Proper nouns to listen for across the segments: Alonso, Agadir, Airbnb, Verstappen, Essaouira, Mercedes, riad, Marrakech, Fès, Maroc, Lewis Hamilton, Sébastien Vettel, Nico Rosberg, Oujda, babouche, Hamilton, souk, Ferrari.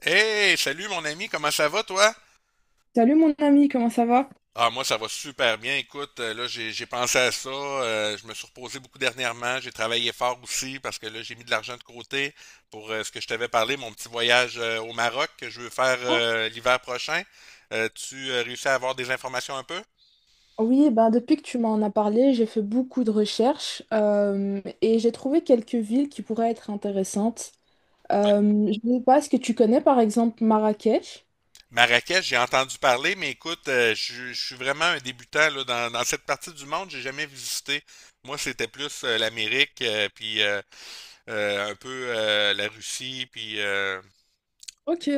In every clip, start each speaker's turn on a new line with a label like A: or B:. A: Hey, salut mon ami, comment ça va toi?
B: Salut mon ami, comment ça va?
A: Ah, moi ça va super bien. Écoute, là j'ai pensé à ça, je me suis reposé beaucoup dernièrement, j'ai travaillé fort aussi parce que là j'ai mis de l'argent de côté pour ce que je t'avais parlé, mon petit voyage au Maroc que je veux faire l'hiver prochain. Tu réussis à avoir des informations un peu?
B: Oui, ben depuis que tu m'en as parlé, j'ai fait beaucoup de recherches, et j'ai trouvé quelques villes qui pourraient être intéressantes.
A: Ouais.
B: Euh, je ne sais pas, est-ce que tu connais par exemple Marrakech?
A: Marrakech, j'ai entendu parler, mais écoute, je suis vraiment un débutant là, dans cette partie du monde, j'ai jamais visité. Moi, c'était plus l'Amérique, puis un peu la Russie, puis
B: Ok.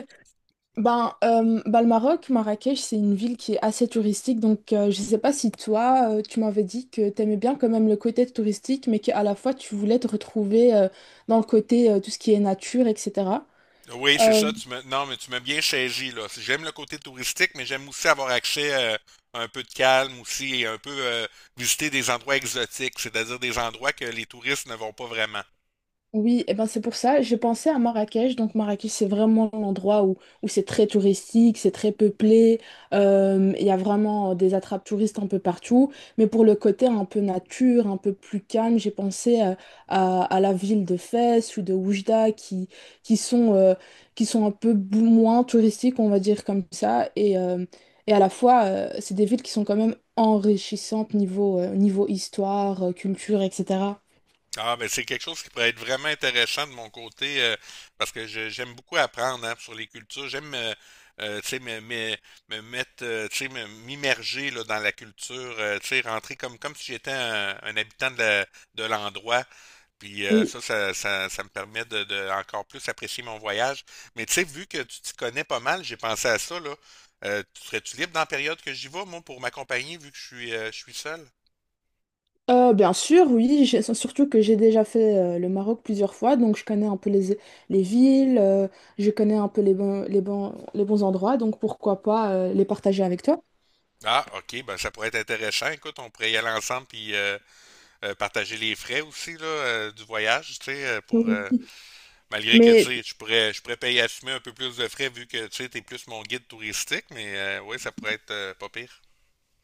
B: Ben, le Maroc, Marrakech, c'est une ville qui est assez touristique, donc je ne sais pas si toi, tu m'avais dit que tu aimais bien quand même le côté touristique, mais qu'à la fois tu voulais te retrouver, dans le côté, tout ce qui est nature, etc.
A: oui, c'est ça, non, mais tu m'as bien saisi, là. J'aime le côté touristique, mais j'aime aussi avoir accès, à un peu de calme aussi et un peu, visiter des endroits exotiques, c'est-à-dire des endroits que les touristes ne vont pas vraiment.
B: Oui, et ben c'est pour ça, j'ai pensé à Marrakech. Donc Marrakech, c'est vraiment l'endroit où c'est très touristique, c'est très peuplé, il y a vraiment des attrapes touristes un peu partout. Mais pour le côté un peu nature, un peu plus calme, j'ai pensé, à la ville de Fès ou de Oujda qui sont, euh, qui sont un peu moins touristiques, on va dire comme ça. Et à la fois, c'est des villes qui sont quand même enrichissantes niveau, niveau histoire, culture, etc.
A: Ah, mais c'est quelque chose qui pourrait être vraiment intéressant de mon côté, parce que j'aime beaucoup apprendre hein, sur les cultures. J'aime, tu sais, me mettre, tu sais, m'immerger là, dans la culture, tu sais, rentrer comme si j'étais un habitant de de l'endroit. Puis ça me permet de encore plus apprécier mon voyage. Mais tu sais, vu que tu t'y connais pas mal, j'ai pensé à ça, là. Serais-tu libre dans la période que j'y vais, moi, pour m'accompagner, vu que je suis seul?
B: Bien sûr, oui, surtout que j'ai déjà fait le Maroc plusieurs fois, donc je connais un peu les villes, je connais un peu les bons, les bons endroits, donc pourquoi pas les partager avec toi.
A: Ah, ok, ben ça pourrait être intéressant. Écoute, on pourrait y aller ensemble puis partager les frais aussi là, du voyage, tu sais, pour
B: Mhm.
A: malgré que tu
B: Mais
A: sais, je pourrais payer assumer un peu plus de frais vu que tu sais, t'es plus mon guide touristique, mais ouais, ça pourrait être pas pire.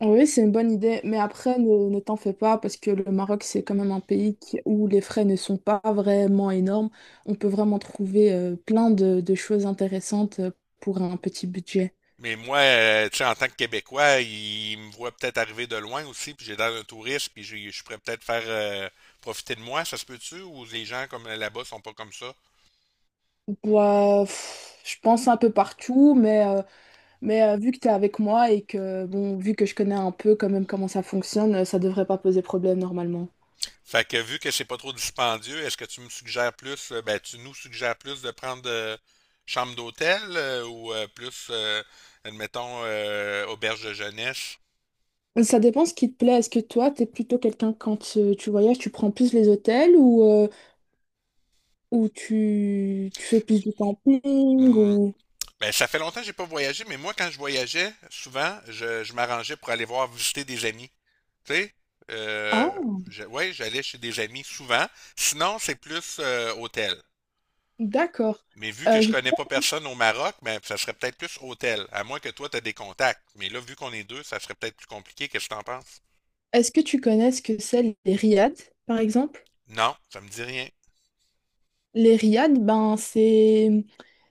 B: oui, c'est une bonne idée, mais après, ne t'en fais pas, parce que le Maroc, c'est quand même un pays où les frais ne sont pas vraiment énormes. On peut vraiment trouver, plein de choses intéressantes, pour un petit budget.
A: Mais moi, tu sais, en tant que Québécois, ils me voient peut-être arriver de loin aussi, puis j'ai l'air d'un touriste, puis je pourrais peut-être faire, profiter de moi, ça se peut-tu, ou les gens comme là-bas sont pas comme ça?
B: Bah, pff, je pense un peu partout, mais... mais vu que tu es avec moi et que, bon, vu que je connais un peu quand même comment ça fonctionne, ça devrait pas poser problème normalement.
A: Fait que vu que c'est pas trop dispendieux, est-ce que tu me suggères plus, ben tu nous suggères plus de prendre chambre d'hôtel ou admettons, auberge de jeunesse?
B: Ça dépend ce qui te plaît. Est-ce que toi, t'es plutôt quelqu'un quand, tu voyages, tu prends plus les hôtels, ou, ou tu, tu fais plus du camping
A: Hmm.
B: ou...
A: Ben ça fait longtemps que j'ai pas voyagé, mais moi quand je voyageais, souvent, je m'arrangeais pour aller voir visiter des amis. Tu sais? Euh,
B: Ah,
A: ouais, j'allais chez des amis souvent. Sinon, c'est plus hôtel.
B: d'accord.
A: Mais vu que je
B: Je sais
A: connais
B: pas,
A: pas personne au Maroc, ben, ça serait peut-être plus hôtel, à moins que toi, tu as des contacts. Mais là, vu qu'on est deux, ça serait peut-être plus compliqué. Qu'est-ce que tu en penses?
B: est-ce que tu connais ce que c'est les riads, par exemple?
A: Non, ça me dit rien.
B: Les riads, ben c'est,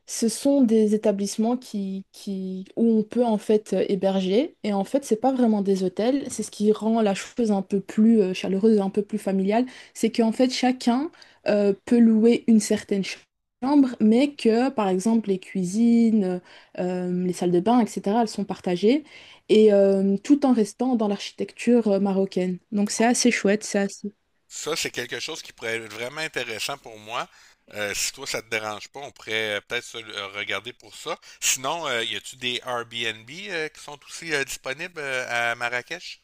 B: ce sont des établissements qui, où on peut en fait héberger. Et en fait, c'est pas vraiment des hôtels. C'est ce qui rend la chose un peu plus, chaleureuse, et un peu plus familiale. C'est qu'en fait, chacun, peut louer une certaine chambre, mais que, par exemple, les cuisines, les salles de bain, etc., elles sont partagées. Et tout en restant dans l'architecture, marocaine. Donc c'est
A: Oh.
B: assez chouette, ça.
A: Ça, c'est quelque chose qui pourrait être vraiment intéressant pour moi. Si toi, ça te dérange pas, on pourrait peut-être se regarder pour ça. Sinon, y a-tu des Airbnb qui sont aussi disponibles à Marrakech?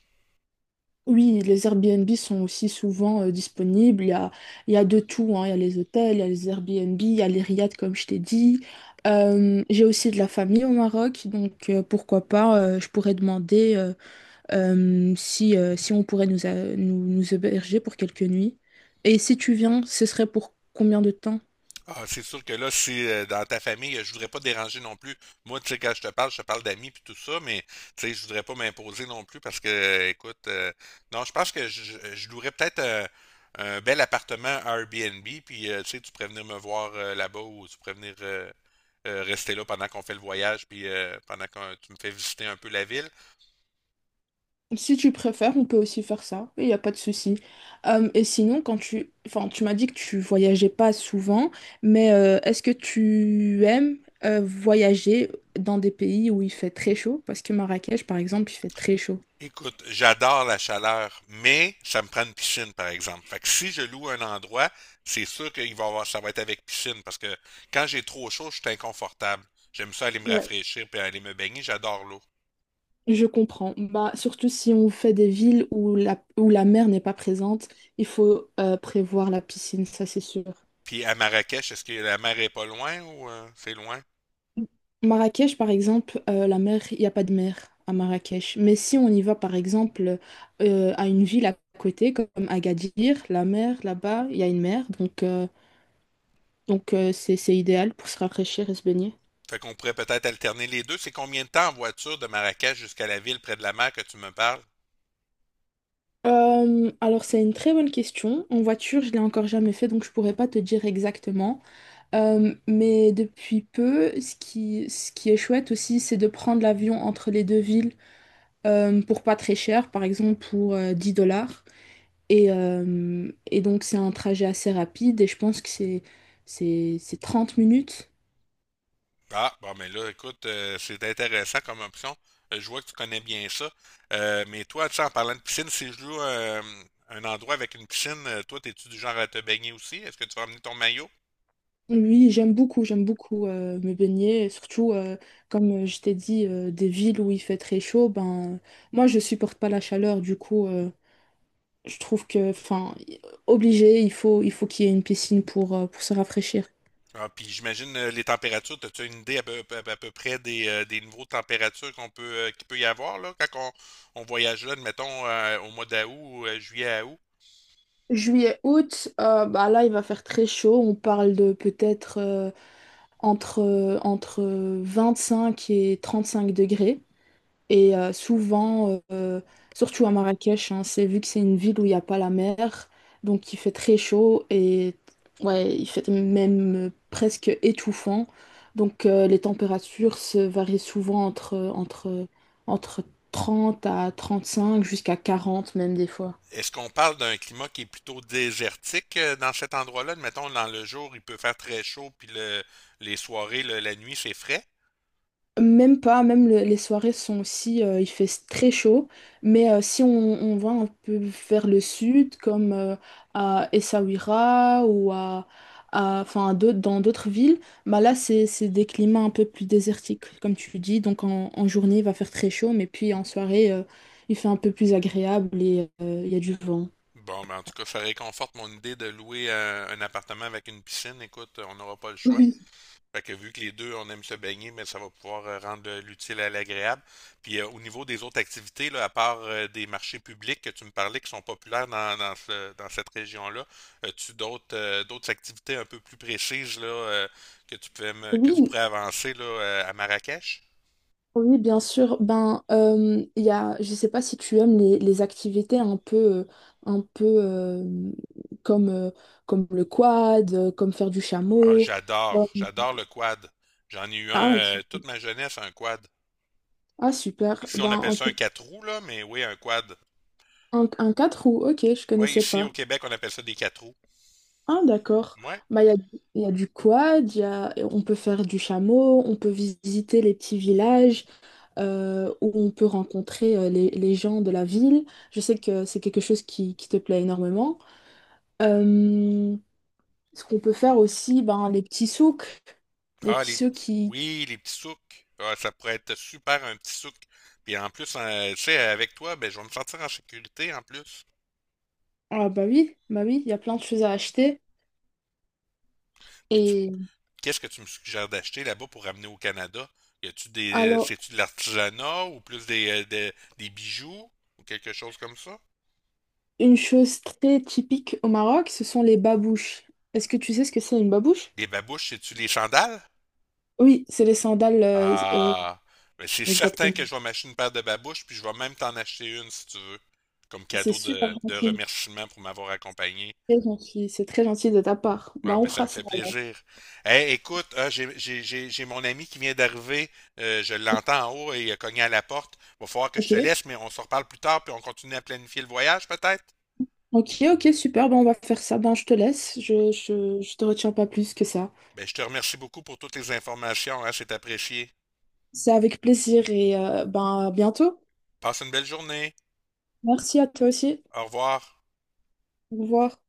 B: Oui, les Airbnb sont aussi souvent disponibles. Il y a de tout, hein. Il y a les hôtels, il y a les Airbnb, il y a les riads, comme je t'ai dit. J'ai aussi de la famille au Maroc, donc pourquoi pas, je pourrais demander, si on pourrait nous héberger pour quelques nuits. Et si tu viens, ce serait pour combien de temps?
A: Ah, c'est sûr que là, si dans ta famille, je voudrais pas te déranger non plus. Moi, tu sais, quand je te parle d'amis puis tout ça, mais tu sais, je voudrais pas m'imposer non plus parce que, écoute, non, je pense que je louerais peut-être un bel appartement à Airbnb, puis tu sais, tu pourrais venir me voir là-bas ou tu pourrais venir, rester là pendant qu'on fait le voyage, puis pendant que tu me fais visiter un peu la ville.
B: Si tu préfères, on peut aussi faire ça, il n'y a pas de souci. Et sinon, quand tu, enfin, tu m'as dit que tu voyageais pas souvent, mais est-ce que tu aimes, voyager dans des pays où il fait très chaud? Parce que Marrakech, par exemple, il fait très chaud.
A: Écoute, j'adore la chaleur, mais ça me prend une piscine, par exemple. Fait que si je loue un endroit, c'est sûr qu'il va y avoir, ça va être avec piscine, parce que quand j'ai trop chaud, je suis inconfortable. J'aime ça aller me rafraîchir puis aller me baigner, j'adore l'eau.
B: Je comprends. Bah, surtout si on fait des villes où la mer n'est pas présente, il faut prévoir la piscine, ça c'est sûr.
A: Puis à Marrakech, est-ce que la mer est pas loin ou c'est loin?
B: Marrakech, par exemple, la mer, il n'y a pas de mer à Marrakech. Mais si on y va, par exemple, à une ville à côté, comme Agadir, la mer, là-bas, il y a une mer. Donc, donc c'est idéal pour se rafraîchir et se baigner.
A: Fait qu'on pourrait peut-être alterner les deux. C'est combien de temps en voiture de Marrakech jusqu'à la ville près de la mer que tu me parles?
B: Alors, c'est une très bonne question. En voiture, je l'ai encore jamais fait, donc je pourrais pas te dire exactement. Mais depuis peu, ce qui est chouette aussi, c'est de prendre l'avion entre les deux villes, pour pas très cher, par exemple pour 10 dollars. Et donc c'est un trajet assez rapide et je pense que c'est 30 minutes.
A: Ah, bon, mais là, écoute, c'est intéressant comme option. Je vois que tu connais bien ça. Mais toi, tu sais, en parlant de piscine, si je loue, un endroit avec une piscine, toi, t'es-tu du genre à te baigner aussi? Est-ce que tu vas amener ton maillot?
B: Oui, j'aime beaucoup, j'aime beaucoup, me baigner, et surtout, comme je t'ai dit, des villes où il fait très chaud, ben moi je supporte pas la chaleur, du coup, je trouve que enfin obligé, il faut qu'il y ait une piscine pour se rafraîchir.
A: Ah, puis j'imagine, les températures, as-tu une idée à peu, à peu près des niveaux de température qu'on peut, qu'il peut y avoir là, quand on voyage là, admettons, au mois d'août, ou, juillet à août?
B: Juillet, août, bah là il va faire très chaud, on parle de peut-être, entre 5 et 35 degrés. Souvent, surtout à Marrakech, hein, c'est vu que c'est une ville où il n'y a pas la mer, donc il fait très chaud et ouais, il fait même presque étouffant. Donc les températures se varient souvent entre 30 à 35 jusqu'à 40 même des fois.
A: Est-ce qu'on parle d'un climat qui est plutôt désertique dans cet endroit-là? Mettons, dans le jour, il peut faire très chaud, puis les soirées, la nuit, c'est frais.
B: Même pas, même les soirées sont aussi, il fait très chaud, mais si on, on va un peu vers le sud, comme à Essaouira ou à, enfin, à dans d'autres villes, bah là c'est des climats un peu plus désertiques, comme tu dis. Donc en, en journée, il va faire très chaud, mais puis en soirée, il fait un peu plus agréable et il y a du vent.
A: Bon, ben, en tout cas, ça réconforte mon idée de louer un appartement avec une piscine. Écoute, on n'aura pas le choix.
B: Oui,
A: Fait que vu que les deux, on aime se baigner, mais ça va pouvoir rendre l'utile à l'agréable. Puis au niveau des autres activités, là, à part des marchés publics que tu me parlais qui sont populaires dans dans cette région-là, as-tu d'autres d'autres activités un peu plus précises là, que tu que tu
B: oui,
A: pourrais avancer là, à Marrakech?
B: Oui, bien sûr. Ben, il y a, je sais pas si tu aimes les activités un peu, un peu euh, comme, euh, comme le quad, comme faire du
A: Ah,
B: chameau.
A: j'adore,
B: Ouais.
A: j'adore le quad. J'en ai eu
B: Ah,
A: un
B: super.
A: toute ma jeunesse, un quad.
B: Ah, super.
A: Ici, on
B: Ben,
A: appelle ça un quatre roues, là, mais oui, un quad.
B: un 4 roues, ok, je
A: Oui,
B: connaissais
A: ici
B: pas.
A: au Québec, on appelle ça des quatre roues.
B: Ah, d'accord.
A: Ouais.
B: Ben, il y a du quad, il y a, on peut faire du chameau, on peut visiter les petits villages, où on peut rencontrer, les gens de la ville. Je sais que c'est quelque chose qui te plaît énormément. Euh, Ce qu'on peut faire aussi, ben, les petits souks. Les
A: Ah,
B: petits
A: les
B: souks
A: petits.
B: qui...
A: Oui, les petits souks. Ah, ça pourrait être super un petit souk. Puis en plus, tu sais, avec toi, ben, je vais me sentir en sécurité en plus.
B: Ah bah oui, il y a plein de choses à acheter.
A: Puis tu-
B: Et
A: Qu'est-ce que tu me suggères d'acheter là-bas pour ramener au Canada? Y a-tu des,
B: alors,
A: c'est-tu de l'artisanat ou plus des, des bijoux ou quelque chose comme ça?
B: une chose très typique au Maroc, ce sont les babouches. Est-ce que tu sais ce que c'est une babouche?
A: Les babouches, c'est-tu les sandales?
B: Oui, c'est les sandales.
A: Ah, ben, c'est certain
B: Exactement.
A: que je vais m'acheter une paire de babouches, puis je vais même t'en acheter une si tu veux, comme
B: C'est
A: cadeau
B: super
A: de
B: gentil.
A: remerciement pour m'avoir accompagné.
B: Très gentil. C'est très gentil de ta part. Ben,
A: Ah,
B: on
A: ben, ça me
B: fera ça
A: fait
B: alors.
A: plaisir. Hey, écoute, ah, j'ai mon ami qui vient d'arriver. Je l'entends en haut et il a cogné à la porte. Va falloir que je
B: Ok.
A: te laisse, mais on se reparle plus tard puis on continue à planifier le voyage, peut-être?
B: Ok, super. Ben, on va faire ça. Ben, je te laisse. Je te retiens pas plus que ça.
A: Ben, je te remercie beaucoup pour toutes les informations, hein, c'est apprécié.
B: C'est avec plaisir et, ben, à bientôt.
A: Passe une belle journée.
B: Merci à toi aussi.
A: Au revoir.
B: Au revoir.